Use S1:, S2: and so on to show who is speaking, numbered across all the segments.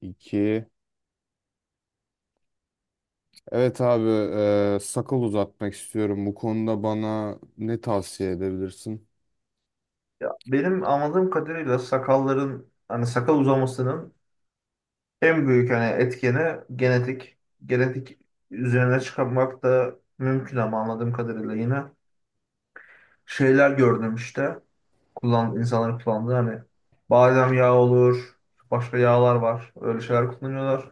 S1: İki. Evet abi, sakal uzatmak istiyorum. Bu konuda bana ne tavsiye edebilirsin?
S2: Benim anladığım kadarıyla sakalların sakal uzamasının en büyük etkeni genetik. Genetik üzerine çıkarmak da mümkün ama anladığım kadarıyla yine şeyler gördüm işte. Kullan, insanların kullandığı hani badem yağı olur, başka yağlar var. Öyle şeyler kullanıyorlar.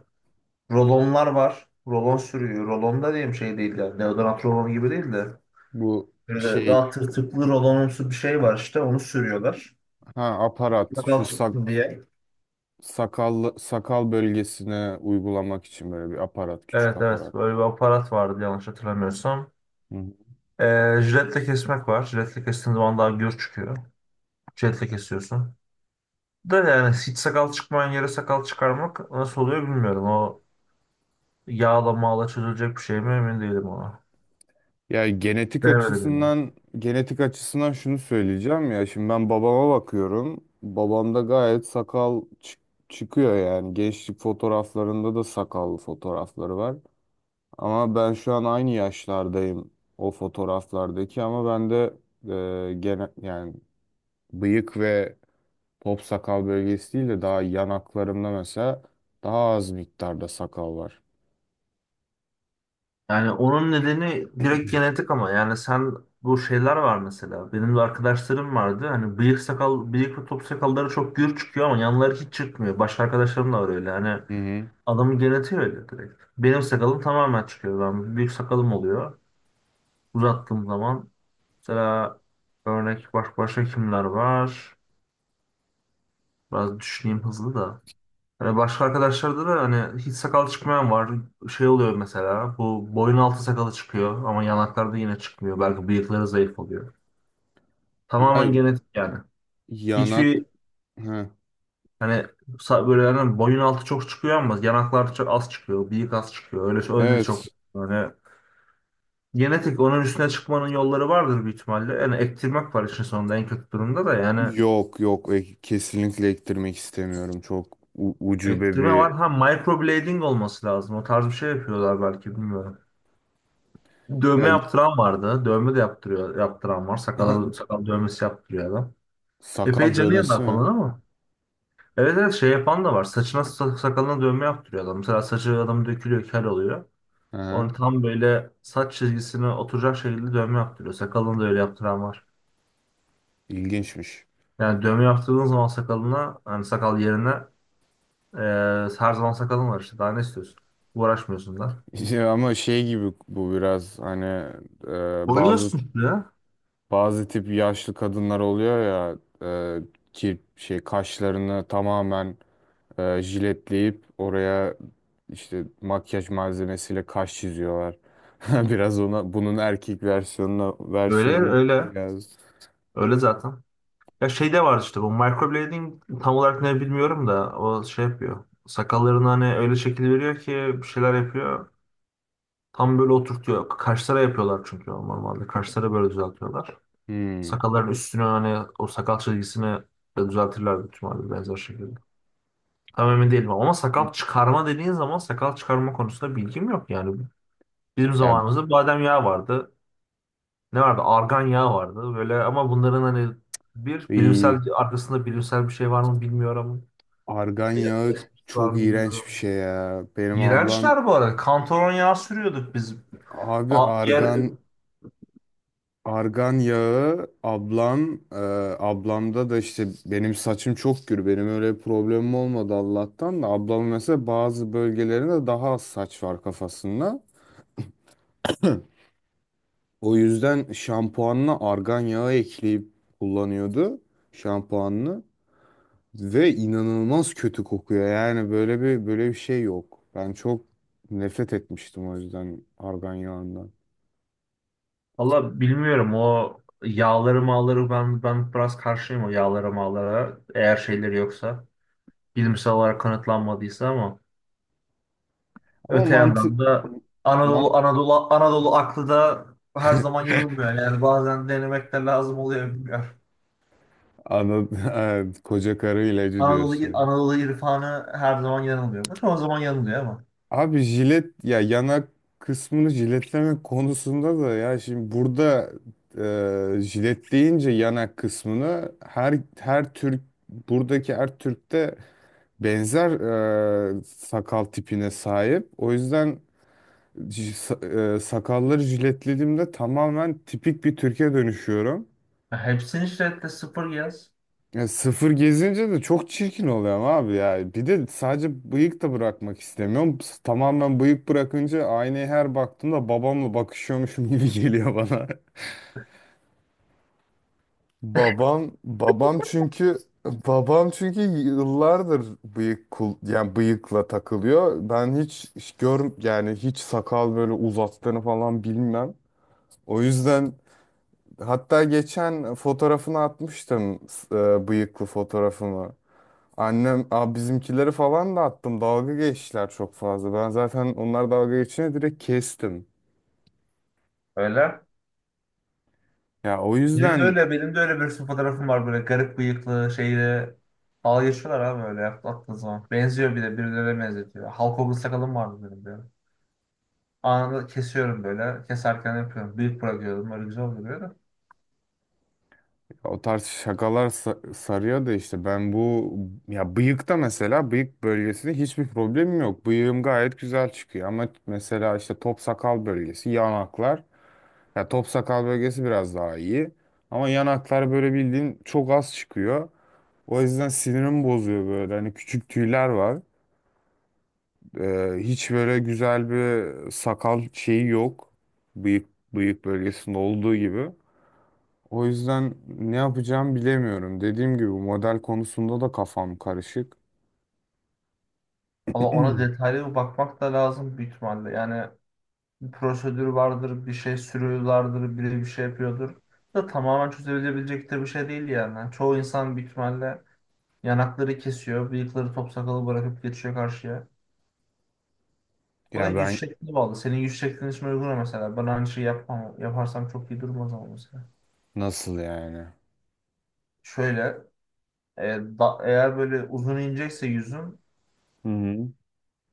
S2: Rolonlar var. Rolon sürüyor. Rolon da diyeyim şey değil yani. Deodorant rolonu gibi değil de.
S1: Bu
S2: Böyle
S1: şey,
S2: daha tırtıklı rolonumsu bir şey var işte onu sürüyorlar.
S1: ha aparat,
S2: Sakal çıksın diye.
S1: sakal bölgesine uygulamak için böyle bir aparat, küçük
S2: Evet evet,
S1: aparat.
S2: böyle bir aparat vardı yanlış hatırlamıyorsam.
S1: Hı hı.
S2: Jiletle kesmek var. Jiletle kestiğin zaman daha gür çıkıyor. Jiletle kesiyorsun. Da yani hiç sakal çıkmayan yere sakal çıkarmak nasıl oluyor bilmiyorum. O yağla mağla çözülecek bir şey mi emin değilim ona.
S1: Ya
S2: Hiç
S1: genetik
S2: denemedim yani.
S1: açısından, genetik açısından şunu söyleyeceğim ya. Şimdi ben babama bakıyorum. Babamda gayet çıkıyor yani, gençlik fotoğraflarında da sakal fotoğrafları var. Ama ben şu an aynı yaşlardayım o fotoğraflardaki, ama bende gene yani bıyık ve top sakal bölgesi değil de daha yanaklarımda mesela daha az miktarda sakal var.
S2: Yani onun nedeni direkt genetik, ama yani sen bu şeyler var mesela. Benim de arkadaşlarım vardı. Hani bıyık sakal, bıyık ve top sakalları çok gür çıkıyor ama yanları hiç çıkmıyor. Başka arkadaşlarım da var öyle. Hani
S1: Hı hı.
S2: adamı genetiği öyle direkt. Benim sakalım tamamen çıkıyor. Ben büyük sakalım oluyor. Uzattığım zaman mesela, örnek başka kimler var? Biraz düşüneyim hızlı da. Hani başka arkadaşlarda da hiç sakal çıkmayan var. Şey oluyor mesela, bu boyun altı sakalı çıkıyor ama yanaklarda yine çıkmıyor. Belki bıyıkları zayıf oluyor.
S1: Ya
S2: Tamamen genetik yani.
S1: yanak.
S2: Hiçbir
S1: Ha.
S2: hani böyle hani boyun altı çok çıkıyor ama yanaklar çok az çıkıyor. Bıyık az çıkıyor. Öyle öyle çok.
S1: Evet.
S2: Yani genetik, onun üstüne çıkmanın yolları vardır büyük ihtimalle. Yani ektirmek var işin sonunda, en kötü durumda da yani
S1: Yok yok. Kesinlikle ektirmek istemiyorum. Çok ucube
S2: ektirme
S1: bir
S2: var. Ha, microblading olması lazım. O tarz bir şey yapıyorlar belki, bilmiyorum.
S1: ya,
S2: Dövme yaptıran vardı. Dövme de yaptırıyor, yaptıran var. Sakal, sakal dövmesi yaptırıyor adam. Epey
S1: sakal
S2: canı
S1: dövmesi
S2: yanar falan
S1: mi?
S2: ama. Evet evet, şey yapan da var. Saçına sakalına dövme yaptırıyor adam. Mesela saçı adam dökülüyor, kel oluyor.
S1: Hı
S2: Onu
S1: hı.
S2: tam böyle saç çizgisine oturacak şekilde dövme yaptırıyor. Sakalını da öyle yaptıran var.
S1: İlginçmiş.
S2: Yani dövme yaptırdığın zaman sakalına, hani sakal yerine Ee, her zaman sakalın var işte. Daha ne istiyorsun? Uğraşmıyorsun da.
S1: İşte ama şey gibi bu biraz hani e, bazı
S2: Boyuyorsun işte ya.
S1: bazı tip yaşlı kadınlar oluyor ya, e, ki şey kaşlarını tamamen, jiletleyip oraya işte makyaj malzemesiyle kaş çiziyorlar. Biraz ona, bunun erkek versiyonuna
S2: Öyle
S1: versiyonu
S2: öyle.
S1: biraz.
S2: Öyle zaten. Ya şey de vardı işte, bu microblading tam olarak ne bilmiyorum da o şey yapıyor. Sakallarını hani öyle şekil veriyor ki bir şeyler yapıyor. Tam böyle oturtuyor. Kaşlara yapıyorlar çünkü normalde. Kaşları böyle düzeltiyorlar.
S1: Hmm.
S2: Sakalların üstünü, hani o sakal çizgisini de düzeltirler büyük ihtimalle benzer şekilde. Tam emin değilim ama sakal çıkarma dediğin zaman sakal çıkarma konusunda bilgim yok yani. Bizim
S1: Ya
S2: zamanımızda badem yağı vardı. Ne vardı? Argan yağı vardı. Böyle, ama bunların hani bir bilimsel
S1: iyi.
S2: arkasında bilimsel bir şey var mı bilmiyorum.
S1: Argan
S2: Ya,
S1: yağı
S2: esprisi var
S1: çok
S2: mı
S1: iğrenç bir
S2: bilmiyorum.
S1: şey ya. Benim ablam,
S2: İğrençler bu arada. Kantaron yağı sürüyorduk biz.
S1: abi
S2: A- Yer,
S1: argan argan yağı ablam, ablamda da işte, benim saçım çok gür, benim öyle problemim olmadı Allah'tan da, ablamın mesela bazı bölgelerinde daha az saç var kafasında. Hı. O yüzden şampuanına argan yağı ekleyip kullanıyordu şampuanını, ve inanılmaz kötü kokuyor. Yani böyle bir şey yok. Ben çok nefret etmiştim o yüzden argan yağından.
S2: valla bilmiyorum, o yağları mağları ben biraz karşıyım o yağları mağlara, eğer şeyleri yoksa, bilimsel olarak kanıtlanmadıysa. Ama
S1: Ama
S2: öte
S1: mantı
S2: yandan da
S1: mantıklı.
S2: Anadolu aklı da her zaman yanılmıyor. Yani bazen denemek de lazım oluyor, bilmiyorum.
S1: Anladım. Koca karı ilacı diyorsun.
S2: Anadolu irfanı her zaman yanılmıyor. Bu çoğu zaman yanılıyor ama.
S1: Abi jilet ya, yanak kısmını jiletleme konusunda da, ya şimdi burada jiletleyince yanak kısmını, her Türk, buradaki her Türk'te benzer sakal tipine sahip. O yüzden sakalları jiletlediğimde tamamen tipik bir Türk'e dönüşüyorum.
S2: Ya, hepsini şiddetle sıfır yaz.
S1: Ya sıfır gezince de çok çirkin oluyorum abi ya. Bir de sadece bıyık da bırakmak istemiyorum. Tamamen bıyık bırakınca, aynaya her baktığımda babamla bakışıyormuşum gibi geliyor bana. Babam babam çünkü babam çünkü yıllardır bıyık kul yani bıyıkla takılıyor. Ben hiç hiç gör yani hiç sakal böyle uzattığını falan bilmem. O yüzden hatta geçen fotoğrafını atmıştım, bıyıklı fotoğrafımı. Annem, bizimkileri falan da attım. Dalga geçtiler çok fazla. Ben zaten onlar dalga geçince direkt kestim.
S2: Öyle.
S1: Ya o
S2: Benim de
S1: yüzden
S2: öyle, benim de öyle bir sürü fotoğrafım var böyle garip bıyıklı şeyle. Dalga geçiyorlar abi öyle atlattığı zaman. Benziyor, bir de birilerine benzetiyor. Hulk sakalım vardı benim böyle. Anında kesiyorum böyle. Keserken yapıyorum. Büyük bırakıyorum. Öyle güzel oluyor.
S1: o tarz şakalar sarıyor da, işte ben bu, ya bıyıkta, mesela bıyık bölgesinde hiçbir problemim yok. Bıyığım gayet güzel çıkıyor ama mesela işte top sakal bölgesi, yanaklar. Ya top sakal bölgesi biraz daha iyi ama yanaklar böyle bildiğin çok az çıkıyor. O yüzden sinirim bozuyor böyle. Hani küçük tüyler var. Hiç böyle güzel bir sakal şeyi yok. Bıyık, bıyık bölgesinde olduğu gibi. O yüzden ne yapacağım bilemiyorum. Dediğim gibi model konusunda da kafam karışık.
S2: Valla ona detaylı bir bakmak da lazım büyük ihtimalle. Yani bir prosedür vardır, bir şey sürüyorlardır, biri bir şey yapıyordur. Da tamamen çözülebilecek de bir şey değil yani. Yani çoğu insan büyük ihtimalle yanakları kesiyor, bıyıkları top sakalı bırakıp geçiyor karşıya. O da
S1: Ya
S2: yüz
S1: ben,
S2: şekline bağlı. Senin yüz şeklin için uygun mu mesela. Ben aynı şeyi yapmam. Yaparsam çok iyi durmaz ama mesela.
S1: nasıl yani?
S2: Şöyle, e, eğer böyle uzun inecekse yüzün,
S1: Hı hı.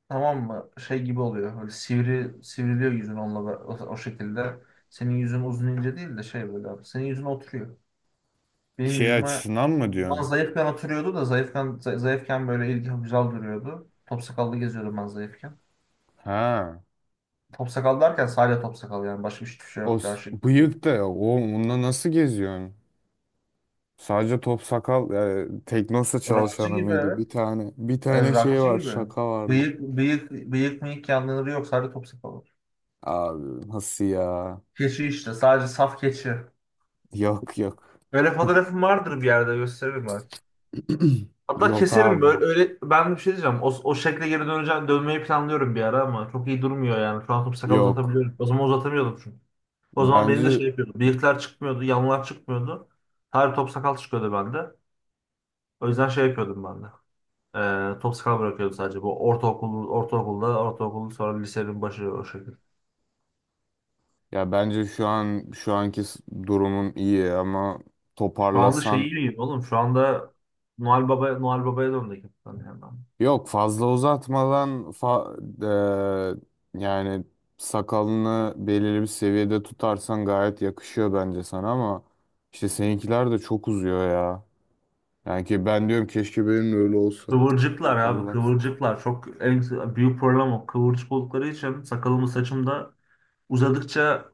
S2: tamam mı? Şey gibi oluyor. Böyle sivriliyor yüzün onunla da, o şekilde. Senin yüzün uzun ince değil de şey böyle abi. Senin yüzün oturuyor. Benim
S1: Şey
S2: yüzüme
S1: açısından mı
S2: ben
S1: diyorsun?
S2: zayıfken oturuyordu da zayıfken zayıfken böyle ilgi güzel duruyordu. Top sakallı geziyordum ben zayıfken.
S1: Ha.
S2: Top sakal derken sadece top sakal yani. Başka hiçbir şey yoktu. Her şey geçiyordu.
S1: Bıyık da, o onunla nasıl geziyorsun? Sadece top sakal, Teknosa
S2: Rockçı
S1: çalışanı
S2: gibi,
S1: mıydı? Bir
S2: evet.
S1: tane bir tane şey
S2: Rockçı
S1: var,
S2: gibi.
S1: şaka vardı.
S2: Bıyık mıyık yanları yok. Sadece top sakal var.
S1: Abi nasıl ya?
S2: Keçi işte. Sadece saf keçi.
S1: Yok yok.
S2: Öyle fotoğrafım vardır, bir yerde gösteririm ben. Hatta
S1: Yok
S2: keserim
S1: abi.
S2: böyle, öyle ben bir şey diyeceğim. O şekle geri döneceğim, dönmeyi planlıyorum bir ara ama çok iyi durmuyor yani. Şu an top sakal
S1: Yok.
S2: uzatabiliyorum. O zaman uzatamıyordum çünkü. O zaman benim de
S1: Bence,
S2: şey yapıyordu. Bıyıklar çıkmıyordu, yanlar çıkmıyordu. Her top sakal çıkıyordu bende. O yüzden şey yapıyordum ben de. Top sakal bırakıyordum sadece. Bu ortaokul, sonra lisenin başı o şekilde.
S1: ya bence şu an, şu anki durumum iyi ama
S2: Şu anda şey
S1: toparlasan,
S2: iyiyim oğlum. Şu anda Noel Baba'ya döndük hepten yani.
S1: yok fazla uzatmadan yani sakalını belirli bir seviyede tutarsan gayet yakışıyor bence sana ama işte seninkiler de çok uzuyor ya. Yani ki ben diyorum keşke benim de öyle olsa.
S2: Kıvırcıklar abi,
S1: Sakallar.
S2: kıvırcıklar çok, en büyük problem o. Kıvırcık oldukları için sakalımı saçımda uzadıkça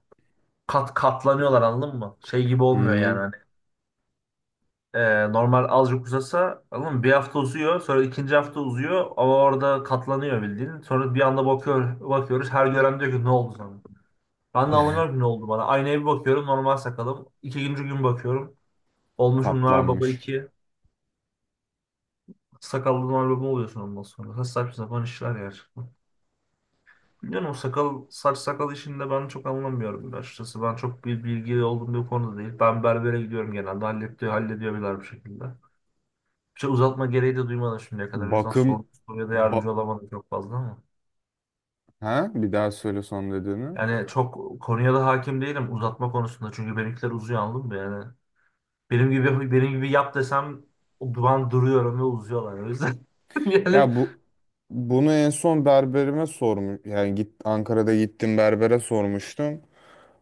S2: kat katlanıyorlar, anladın mı? Şey gibi
S1: Hı
S2: olmuyor yani
S1: hı.
S2: hani. Normal azıcık uzasa, anladın mı? Bir hafta uzuyor, sonra ikinci hafta uzuyor ama orada katlanıyor bildiğin. Sonra bir anda bakıyoruz, her gören diyor ki ne oldu sana? Ben de anlamıyorum ki ne oldu bana. Aynaya bir bakıyorum, normal sakalım. İkinci gün bakıyorum. Olmuşum Noel Baba
S1: Katlanmış.
S2: 2. Sakallı Noel Baba oluyorsun ondan sonra. Saçma sapan işler ya. Bilmiyorum, o sakal sakal işinde ben çok anlamıyorum açıkçası. Ben çok bir bilgili olduğum bir konuda değil. Ben berbere gidiyorum genelde. Hallediyorlar bir şekilde. Bir şey uzatma gereği de duymadım şimdiye kadar. O yüzden sorduğum
S1: Bakım,
S2: soruya da
S1: ba
S2: yardımcı olamadım çok fazla ama.
S1: ha bir daha söyle son dediğini.
S2: Yani çok konuya da hakim değilim uzatma konusunda. Çünkü benimkiler uzuyor, anladın mı yani. Benim gibi yap desem o duvan duruyorum ve uzuyorlar. O yüzden yani.
S1: Ya bu, bunu en son berberime sormuş. Yani git, Ankara'da gittim berbere sormuştum.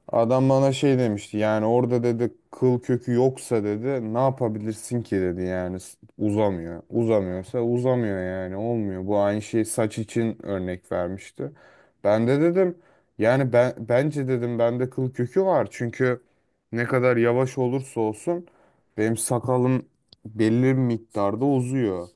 S1: Adam bana şey demişti. Yani orada dedi kıl kökü yoksa dedi ne yapabilirsin ki dedi yani, uzamıyor. Uzamıyorsa uzamıyor yani, olmuyor. Bu aynı şey saç için örnek vermişti. Ben de dedim yani ben bence dedim bende kıl kökü var. Çünkü ne kadar yavaş olursa olsun benim sakalım belli bir miktarda uzuyor.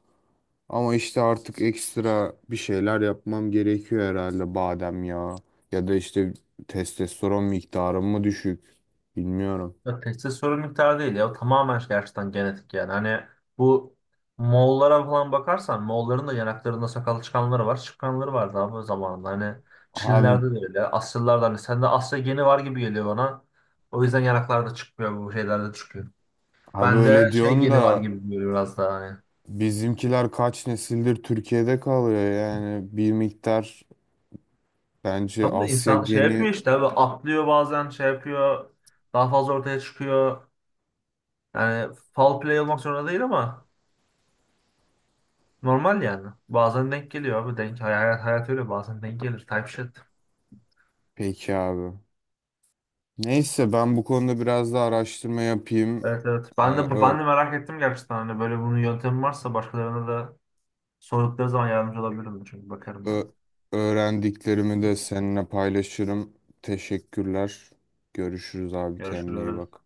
S1: Ama işte artık ekstra bir şeyler yapmam gerekiyor herhalde, badem yağı. Ya da işte testosteron miktarım mı düşük? Bilmiyorum.
S2: Ya, testis sorun miktarı değil ya. O tamamen şey, gerçekten genetik yani. Hani bu Moğollara falan bakarsan, Moğolların da yanaklarında sakal çıkanları var. Çıkanları vardı abi o zamanında. Hani
S1: Abi,
S2: Çinlilerde de öyle. Asyalılarda, hani sende Asya geni var gibi geliyor bana. O yüzden yanaklarda çıkmıyor, bu şeylerde çıkıyor.
S1: Abi öyle
S2: Bende şey
S1: diyorsun
S2: geni var
S1: da,
S2: gibi geliyor biraz daha hani.
S1: bizimkiler kaç nesildir Türkiye'de kalıyor yani, bir miktar bence
S2: Tam da
S1: Asya
S2: insan şey
S1: geni.
S2: yapıyor işte abi, atlıyor bazen, şey yapıyor. Daha fazla ortaya çıkıyor. Yani foul play olmak zorunda değil ama normal yani. Bazen denk geliyor abi. Hayat, hayat öyle bazen denk gelir. Type shit.
S1: Peki abi. Neyse, ben bu konuda biraz daha araştırma yapayım.
S2: Evet evet.
S1: Ee,
S2: Ben de merak ettim gerçekten. Hani böyle bunun yöntemi varsa, başkalarına da sordukları zaman yardımcı olabilirim. Çünkü bakarım ben.
S1: Ö- Öğrendiklerimi de seninle paylaşırım. Teşekkürler. Görüşürüz abi, kendine iyi
S2: Görüşürüz.
S1: bak.